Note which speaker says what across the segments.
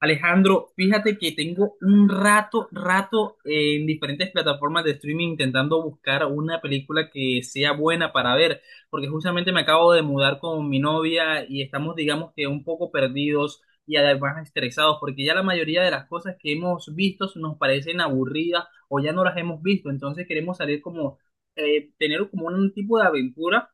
Speaker 1: Alejandro, fíjate que tengo un rato, en diferentes plataformas de streaming intentando buscar una película que sea buena para ver, porque justamente me acabo de mudar con mi novia y estamos, digamos que un poco perdidos y además estresados, porque ya la mayoría de las cosas que hemos visto nos parecen aburridas o ya no las hemos visto, entonces queremos salir como, tener como un tipo de aventura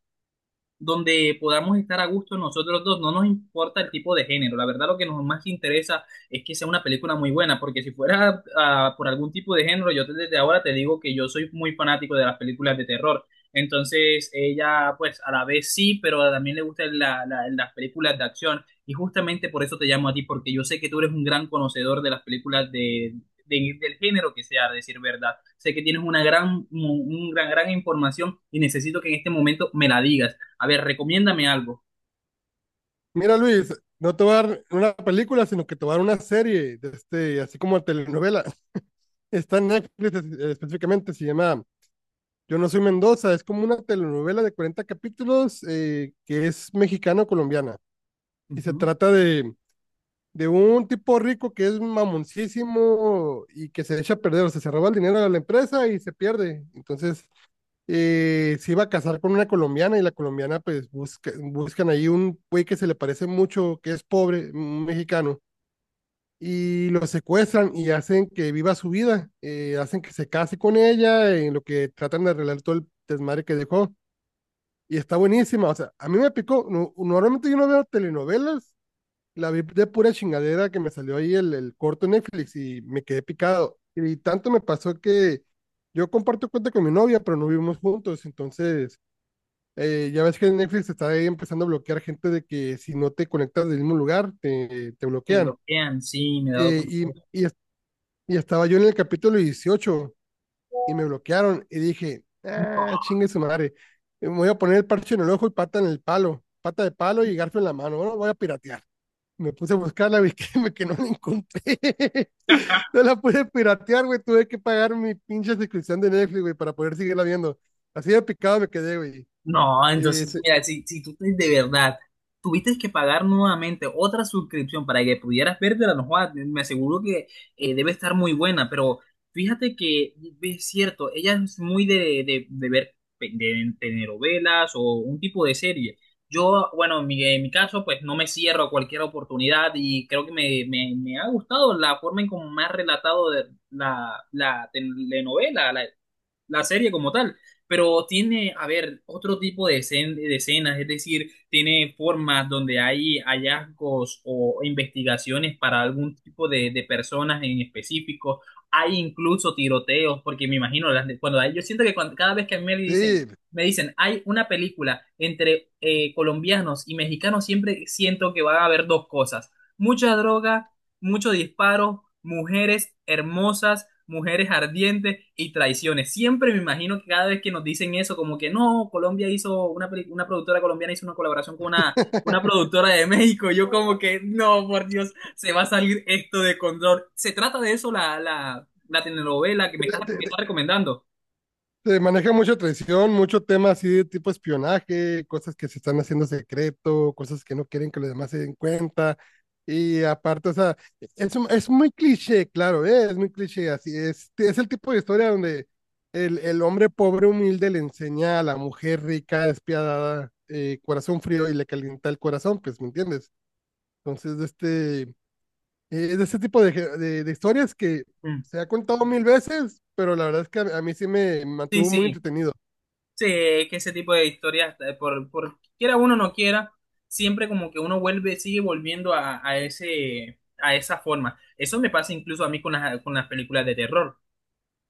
Speaker 1: donde podamos estar a gusto nosotros dos. No nos importa el tipo de género. La verdad, lo que nos más interesa es que sea una película muy buena, porque si fuera por algún tipo de género, desde ahora te digo que yo soy muy fanático de las películas de terror. Entonces, ella, pues, a la vez sí, pero también le gustan las películas de acción. Y justamente por eso te llamo a ti, porque yo sé que tú eres un gran conocedor de las películas de, del género que sea, a decir verdad. Sé que tienes una gran, un gran, gran información y necesito que en este momento me la digas. A ver, recomiéndame algo.
Speaker 2: Mira, Luis, no te va a dar una película, sino que te va a dar una serie, de este, así como telenovela. Está en Netflix, específicamente, se llama Yo no soy Mendoza. Es como una telenovela de 40 capítulos, que es mexicano-colombiana. Y se
Speaker 1: Ujú.
Speaker 2: trata de un tipo rico que es mamoncísimo y que se echa a perder, o sea, se roba el dinero de la empresa y se pierde. Entonces, se iba a casar con una colombiana y la colombiana, pues, buscan ahí un güey que se le parece mucho, que es pobre, un mexicano y lo secuestran y hacen que viva su vida, hacen que se case con ella, en lo que tratan de arreglar todo el desmadre que dejó. Y está buenísima, o sea, a mí me picó, normalmente yo no veo telenovelas, la vi de pura chingadera que me salió ahí el corto en Netflix y me quedé picado. Y tanto me pasó que yo comparto cuenta con mi novia, pero no vivimos juntos, entonces ya ves que en Netflix está ahí empezando a bloquear gente de que si no te conectas del mismo lugar, te
Speaker 1: Me
Speaker 2: bloquean.
Speaker 1: bloquean, sí, me he dado
Speaker 2: Eh, y,
Speaker 1: cuenta.
Speaker 2: y y estaba yo en el capítulo 18 y me bloquearon y dije,
Speaker 1: No,
Speaker 2: ah, chingue su madre, me voy a poner el parche en el ojo y pata en el palo, pata de palo y garfio en la mano, bueno, voy a piratear. Me puse a buscarla vi que, que no la encontré. No la pude piratear, güey. Tuve que pagar mi pinche suscripción de Netflix, güey, para poder seguirla viendo. Así de picado me quedé, güey.
Speaker 1: no,
Speaker 2: Eh,
Speaker 1: entonces,
Speaker 2: se-
Speaker 1: mira, si de verdad tuviste que pagar nuevamente otra suscripción para que pudieras vértela, no jodas, me aseguro que debe estar muy buena, pero fíjate que es cierto, ella es muy de, de ver de telenovelas o un tipo de serie. Yo, bueno, en mi caso, pues no me cierro a cualquier oportunidad y creo que me, me ha gustado la forma en cómo me ha relatado de la, la telenovela, la serie como tal, pero tiene, a ver, otro tipo de, de escenas, es decir, tiene formas donde hay hallazgos o investigaciones para algún tipo de personas en específico, hay incluso tiroteos, porque me imagino, cuando yo siento que cada vez que a mí
Speaker 2: sí,
Speaker 1: me dicen, hay una película entre colombianos y mexicanos, siempre siento que va a haber dos cosas, mucha droga, muchos disparos, mujeres hermosas, mujeres ardientes y traiciones. Siempre me imagino que cada vez que nos dicen eso, como que no, Colombia hizo, una, una productora colombiana hizo una colaboración con una productora de México, yo como que no, por Dios, se va a salir esto de control. ¿Se trata de eso la telenovela que me estás recomendando?
Speaker 2: se maneja mucha traición, mucho tema así de tipo espionaje, cosas que se están haciendo secreto, cosas que no quieren que los demás se den cuenta. Y aparte, o sea, es muy cliché, claro, ¿eh? Es muy cliché. Así es el tipo de historia donde el hombre pobre humilde le enseña a la mujer rica, despiadada, corazón frío y le calienta el corazón, pues, ¿me entiendes? Entonces, de este, es de este tipo de, ge- de historias que
Speaker 1: Mm.
Speaker 2: se ha contado mil veces, pero la verdad es que a mí sí me
Speaker 1: Sí,
Speaker 2: mantuvo muy
Speaker 1: sí.
Speaker 2: entretenido.
Speaker 1: Sí, es que ese tipo de historias, por quiera uno o no quiera, siempre como que uno vuelve, sigue volviendo a ese, a esa forma. Eso me pasa incluso a mí con las películas de terror,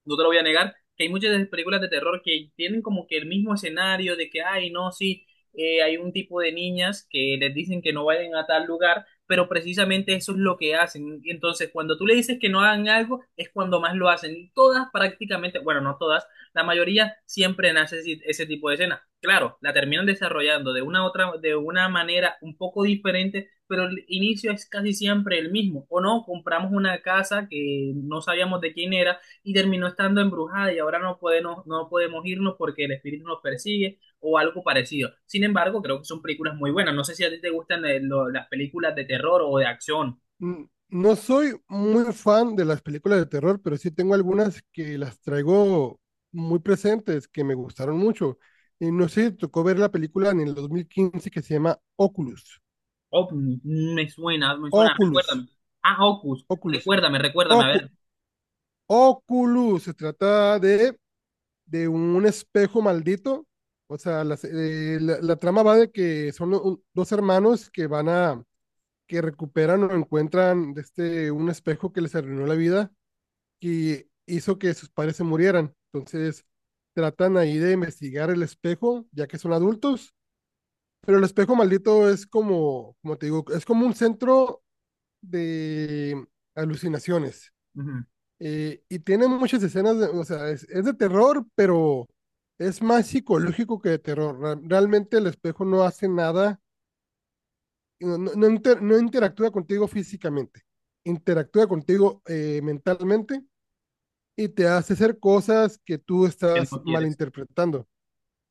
Speaker 1: no te lo voy a negar, que hay muchas películas de terror que tienen como que el mismo escenario de que, ay, no, sí, hay un tipo de niñas que les dicen que no vayan a tal lugar, pero precisamente eso es lo que hacen. Y entonces, cuando tú le dices que no hagan algo, es cuando más lo hacen. Y todas prácticamente, bueno, no todas, la mayoría siempre nace ese, ese tipo de escena. Claro, la terminan desarrollando de una otra, de una manera un poco diferente, pero el inicio es casi siempre el mismo. O no, compramos una casa que no sabíamos de quién era y terminó estando embrujada y ahora no podemos, no podemos irnos porque el espíritu nos persigue o algo parecido. Sin embargo, creo que son películas muy buenas. No sé si a ti te gustan las películas de terror o de acción.
Speaker 2: Mm, no soy muy fan de las películas de terror, pero sí tengo algunas que las traigo muy presentes, que me gustaron mucho. Y no sé si te tocó ver la película en el 2015 que se llama Oculus.
Speaker 1: Oh, mm, me suena,
Speaker 2: Oculus,
Speaker 1: recuérdame. Ah, Hocus,
Speaker 2: Oculus,
Speaker 1: recuérdame, recuérdame, a
Speaker 2: Ocu-
Speaker 1: ver.
Speaker 2: Oculus. Se trata de un espejo maldito. O sea, la trama va de que son dos hermanos que que recuperan o encuentran este, un espejo que les arruinó la vida, que hizo que sus padres se murieran. Entonces tratan ahí de investigar el espejo, ya que son adultos, pero el espejo maldito es como, como te digo, es como un centro de alucinaciones.
Speaker 1: Ujú.
Speaker 2: Y tiene muchas escenas, o sea, es de terror, pero es más psicológico que de terror. Realmente el espejo no hace nada, no interactúa contigo físicamente, interactúa contigo mentalmente y te hace hacer cosas que tú
Speaker 1: ¿Qué
Speaker 2: estás
Speaker 1: no quieres?
Speaker 2: malinterpretando.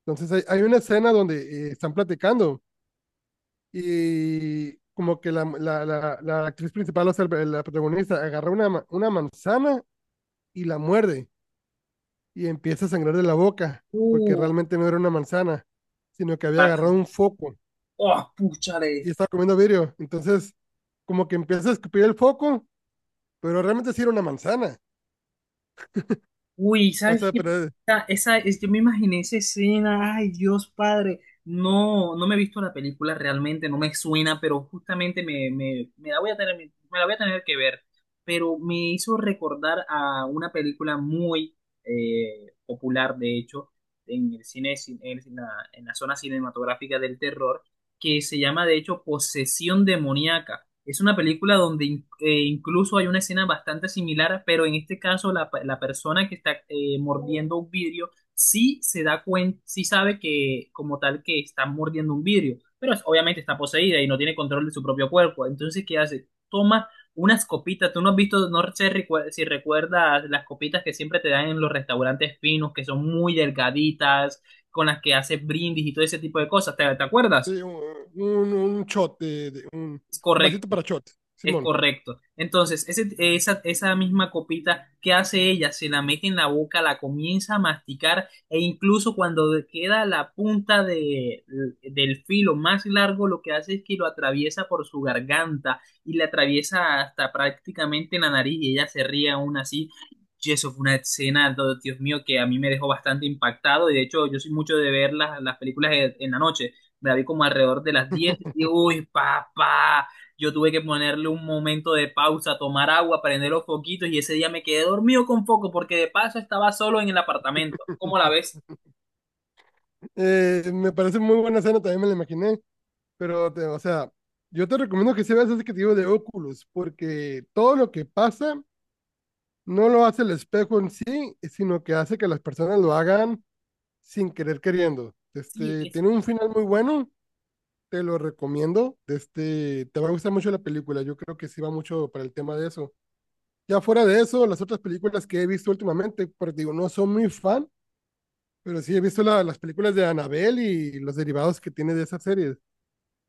Speaker 2: Entonces hay una escena donde están platicando y como que la actriz principal, o sea, la protagonista, agarra una manzana y la muerde y empieza a sangrar de la boca porque
Speaker 1: Uh,
Speaker 2: realmente no era una manzana, sino que había agarrado
Speaker 1: así.
Speaker 2: un foco
Speaker 1: Oh, púchale.
Speaker 2: y estaba comiendo vidrio. Entonces, como que empieza a escupir el foco, pero realmente sí era una manzana.
Speaker 1: Uy,
Speaker 2: O
Speaker 1: ¿sabes
Speaker 2: sea,
Speaker 1: qué?
Speaker 2: pero
Speaker 1: Esa, yo me imaginé esa escena, ay Dios Padre, no, no me he visto la película realmente, no me suena, pero justamente me, me la voy a tener, me la voy a tener que ver, pero me hizo recordar a una película muy popular, de hecho, en el cine, en la, en la zona cinematográfica del terror, que se llama de hecho Posesión Demoníaca. Es una película donde incluso hay una escena bastante similar, pero en este caso la, la persona que está mordiendo un vidrio sí se da cuenta, sí sabe que como tal que está mordiendo un vidrio, pero obviamente está poseída y no tiene control de su propio cuerpo. Entonces, ¿qué hace? Toma unas copitas. Tú no has visto, no sé si recuerdas las copitas que siempre te dan en los restaurantes finos, que son muy delgaditas, con las que haces brindis y todo ese tipo de cosas. ¿Te, te acuerdas?
Speaker 2: sí, un shot, de, de- un,
Speaker 1: Es
Speaker 2: un vasito
Speaker 1: correcto.
Speaker 2: para shot,
Speaker 1: Es
Speaker 2: Simón.
Speaker 1: correcto. Entonces, esa, esa misma copita, ¿qué hace ella? Se la mete en la boca, la comienza a masticar e incluso cuando queda la punta de, del filo más largo, lo que hace es que lo atraviesa por su garganta y le atraviesa hasta prácticamente la nariz y ella se ríe aún así. Y eso fue una escena, Dios mío, que a mí me dejó bastante impactado y de hecho yo soy mucho de ver las películas en la noche. Me la vi como alrededor de las 10 y uy, papá. Yo tuve que ponerle un momento de pausa, tomar agua, prender los foquitos y ese día me quedé dormido con foco porque de paso estaba solo en el apartamento. ¿Cómo la ves?
Speaker 2: Me parece muy buena escena, también me la imaginé, pero, o sea, yo te recomiendo que se veas ese que te digo de Oculus, porque todo lo que pasa no lo hace el espejo en sí, sino que hace que las personas lo hagan sin querer queriendo.
Speaker 1: Sí,
Speaker 2: Este, tiene un final muy bueno, te lo recomiendo. Este, te va a gustar mucho la película, yo creo que sí va mucho para el tema de eso. Ya fuera de eso, las otras películas que he visto últimamente, pues digo, no soy muy fan, pero sí he visto las películas de Annabelle y los derivados que tiene de esas series.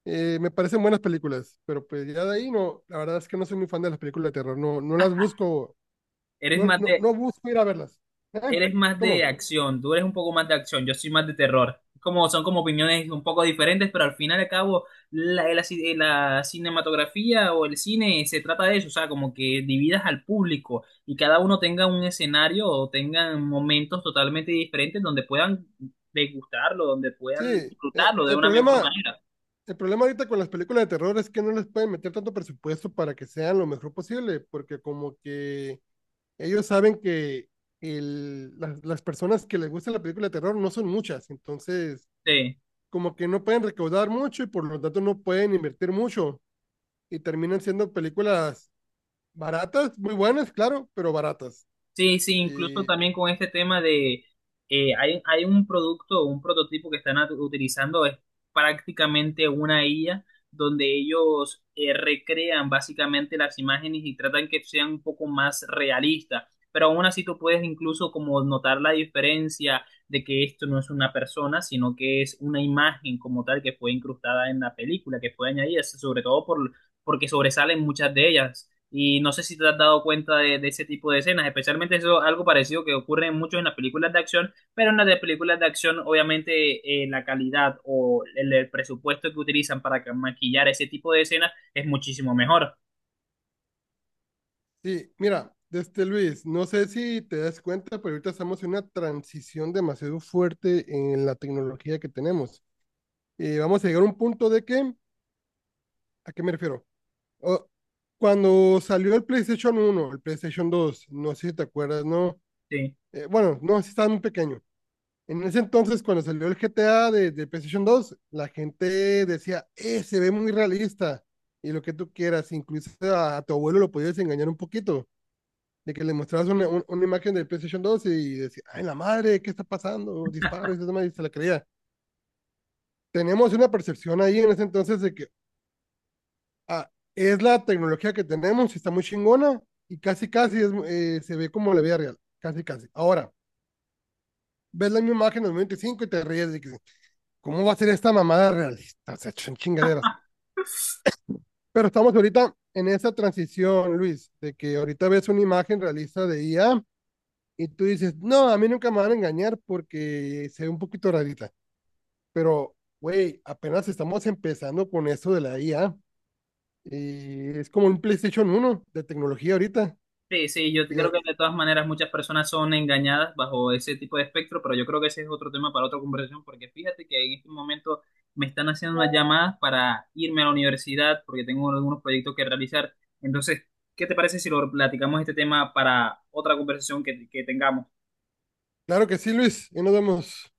Speaker 2: Me parecen buenas películas, pero pues ya de ahí no, la verdad es que no soy muy fan de las películas de terror, no, no las busco,
Speaker 1: eres
Speaker 2: no,
Speaker 1: más
Speaker 2: no,
Speaker 1: de,
Speaker 2: no busco ir a verlas. ¿Eh?
Speaker 1: eres más de
Speaker 2: ¿Cómo?
Speaker 1: acción, tú eres un poco más de acción, yo soy más de terror. Como, son como opiniones un poco diferentes, pero al final y al cabo la, la cinematografía o el cine se trata de eso, o sea, como que dividas al público y cada uno tenga un escenario o tengan momentos totalmente diferentes donde puedan degustarlo, donde
Speaker 2: Sí,
Speaker 1: puedan
Speaker 2: eh,
Speaker 1: disfrutarlo de
Speaker 2: el
Speaker 1: una mejor
Speaker 2: problema,
Speaker 1: manera.
Speaker 2: el problema ahorita con las películas de terror es que no les pueden meter tanto presupuesto para que sean lo mejor posible, porque como que ellos saben que las personas que les gusta la película de terror no son muchas, entonces
Speaker 1: Sí.
Speaker 2: como que no pueden recaudar mucho y por lo tanto no pueden invertir mucho y terminan siendo películas baratas, muy buenas, claro, pero baratas.
Speaker 1: Sí, sí, incluso
Speaker 2: Y
Speaker 1: también con este tema de, hay, hay un producto, un prototipo que están utilizando, es prácticamente una IA, donde ellos recrean básicamente las imágenes y tratan que sean un poco más realistas, pero aún así tú puedes incluso como notar la diferencia de que esto no es una persona, sino que es una imagen como tal que fue incrustada en la película, que fue añadida, sobre todo por, porque sobresalen muchas de ellas. Y no sé si te has dado cuenta de ese tipo de escenas, especialmente eso, algo parecido que ocurre mucho en las películas de acción, pero en las de películas de acción, obviamente, la calidad o el presupuesto que utilizan para maquillar ese tipo de escenas es muchísimo mejor.
Speaker 2: sí, mira, este Luis, no sé si te das cuenta, pero ahorita estamos en una transición demasiado fuerte en la tecnología que tenemos. Y vamos a llegar a un punto de que, ¿a qué me refiero? o- Cuando salió el PlayStation 1, el PlayStation 2, no sé si te acuerdas, ¿no?
Speaker 1: Sí.
Speaker 2: Bueno, no, sí estaba muy pequeño. En ese entonces, cuando salió el GTA de PlayStation 2, la gente decía, se ve muy realista. Y lo que tú quieras, incluso a tu abuelo lo podías engañar un poquito, de que le mostrabas una imagen del PlayStation 2 y decía, ay, la madre, ¿qué está pasando? Disparo, y eso demás, y se la creía. Tenemos una percepción ahí en ese entonces de que, ah, es la tecnología que tenemos, está muy chingona y casi casi es, se ve como la vida real, casi casi. Ahora, ves la misma imagen del 95 y cinco y te ríes de que, ¿cómo va a ser esta mamada realista? O sea, son chingaderas. Pero estamos ahorita en esa transición, Luis, de que ahorita ves una imagen realista de IA y tú dices, no, a mí nunca me van a engañar porque se ve un poquito rarita. Pero, güey, apenas estamos empezando con eso de la IA. Y es como un PlayStation 1 de tecnología ahorita.
Speaker 1: Sí, sí, yo
Speaker 2: Y,
Speaker 1: creo que de todas maneras muchas personas son engañadas bajo ese tipo de espectro, pero yo creo que ese es otro tema para otra conversación, porque fíjate que en este momento me están haciendo unas llamadas para irme a la universidad, porque tengo algunos proyectos que realizar. Entonces, ¿qué te parece si lo platicamos este tema para otra conversación que tengamos?
Speaker 2: Claro que sí, Luis, y nos vemos.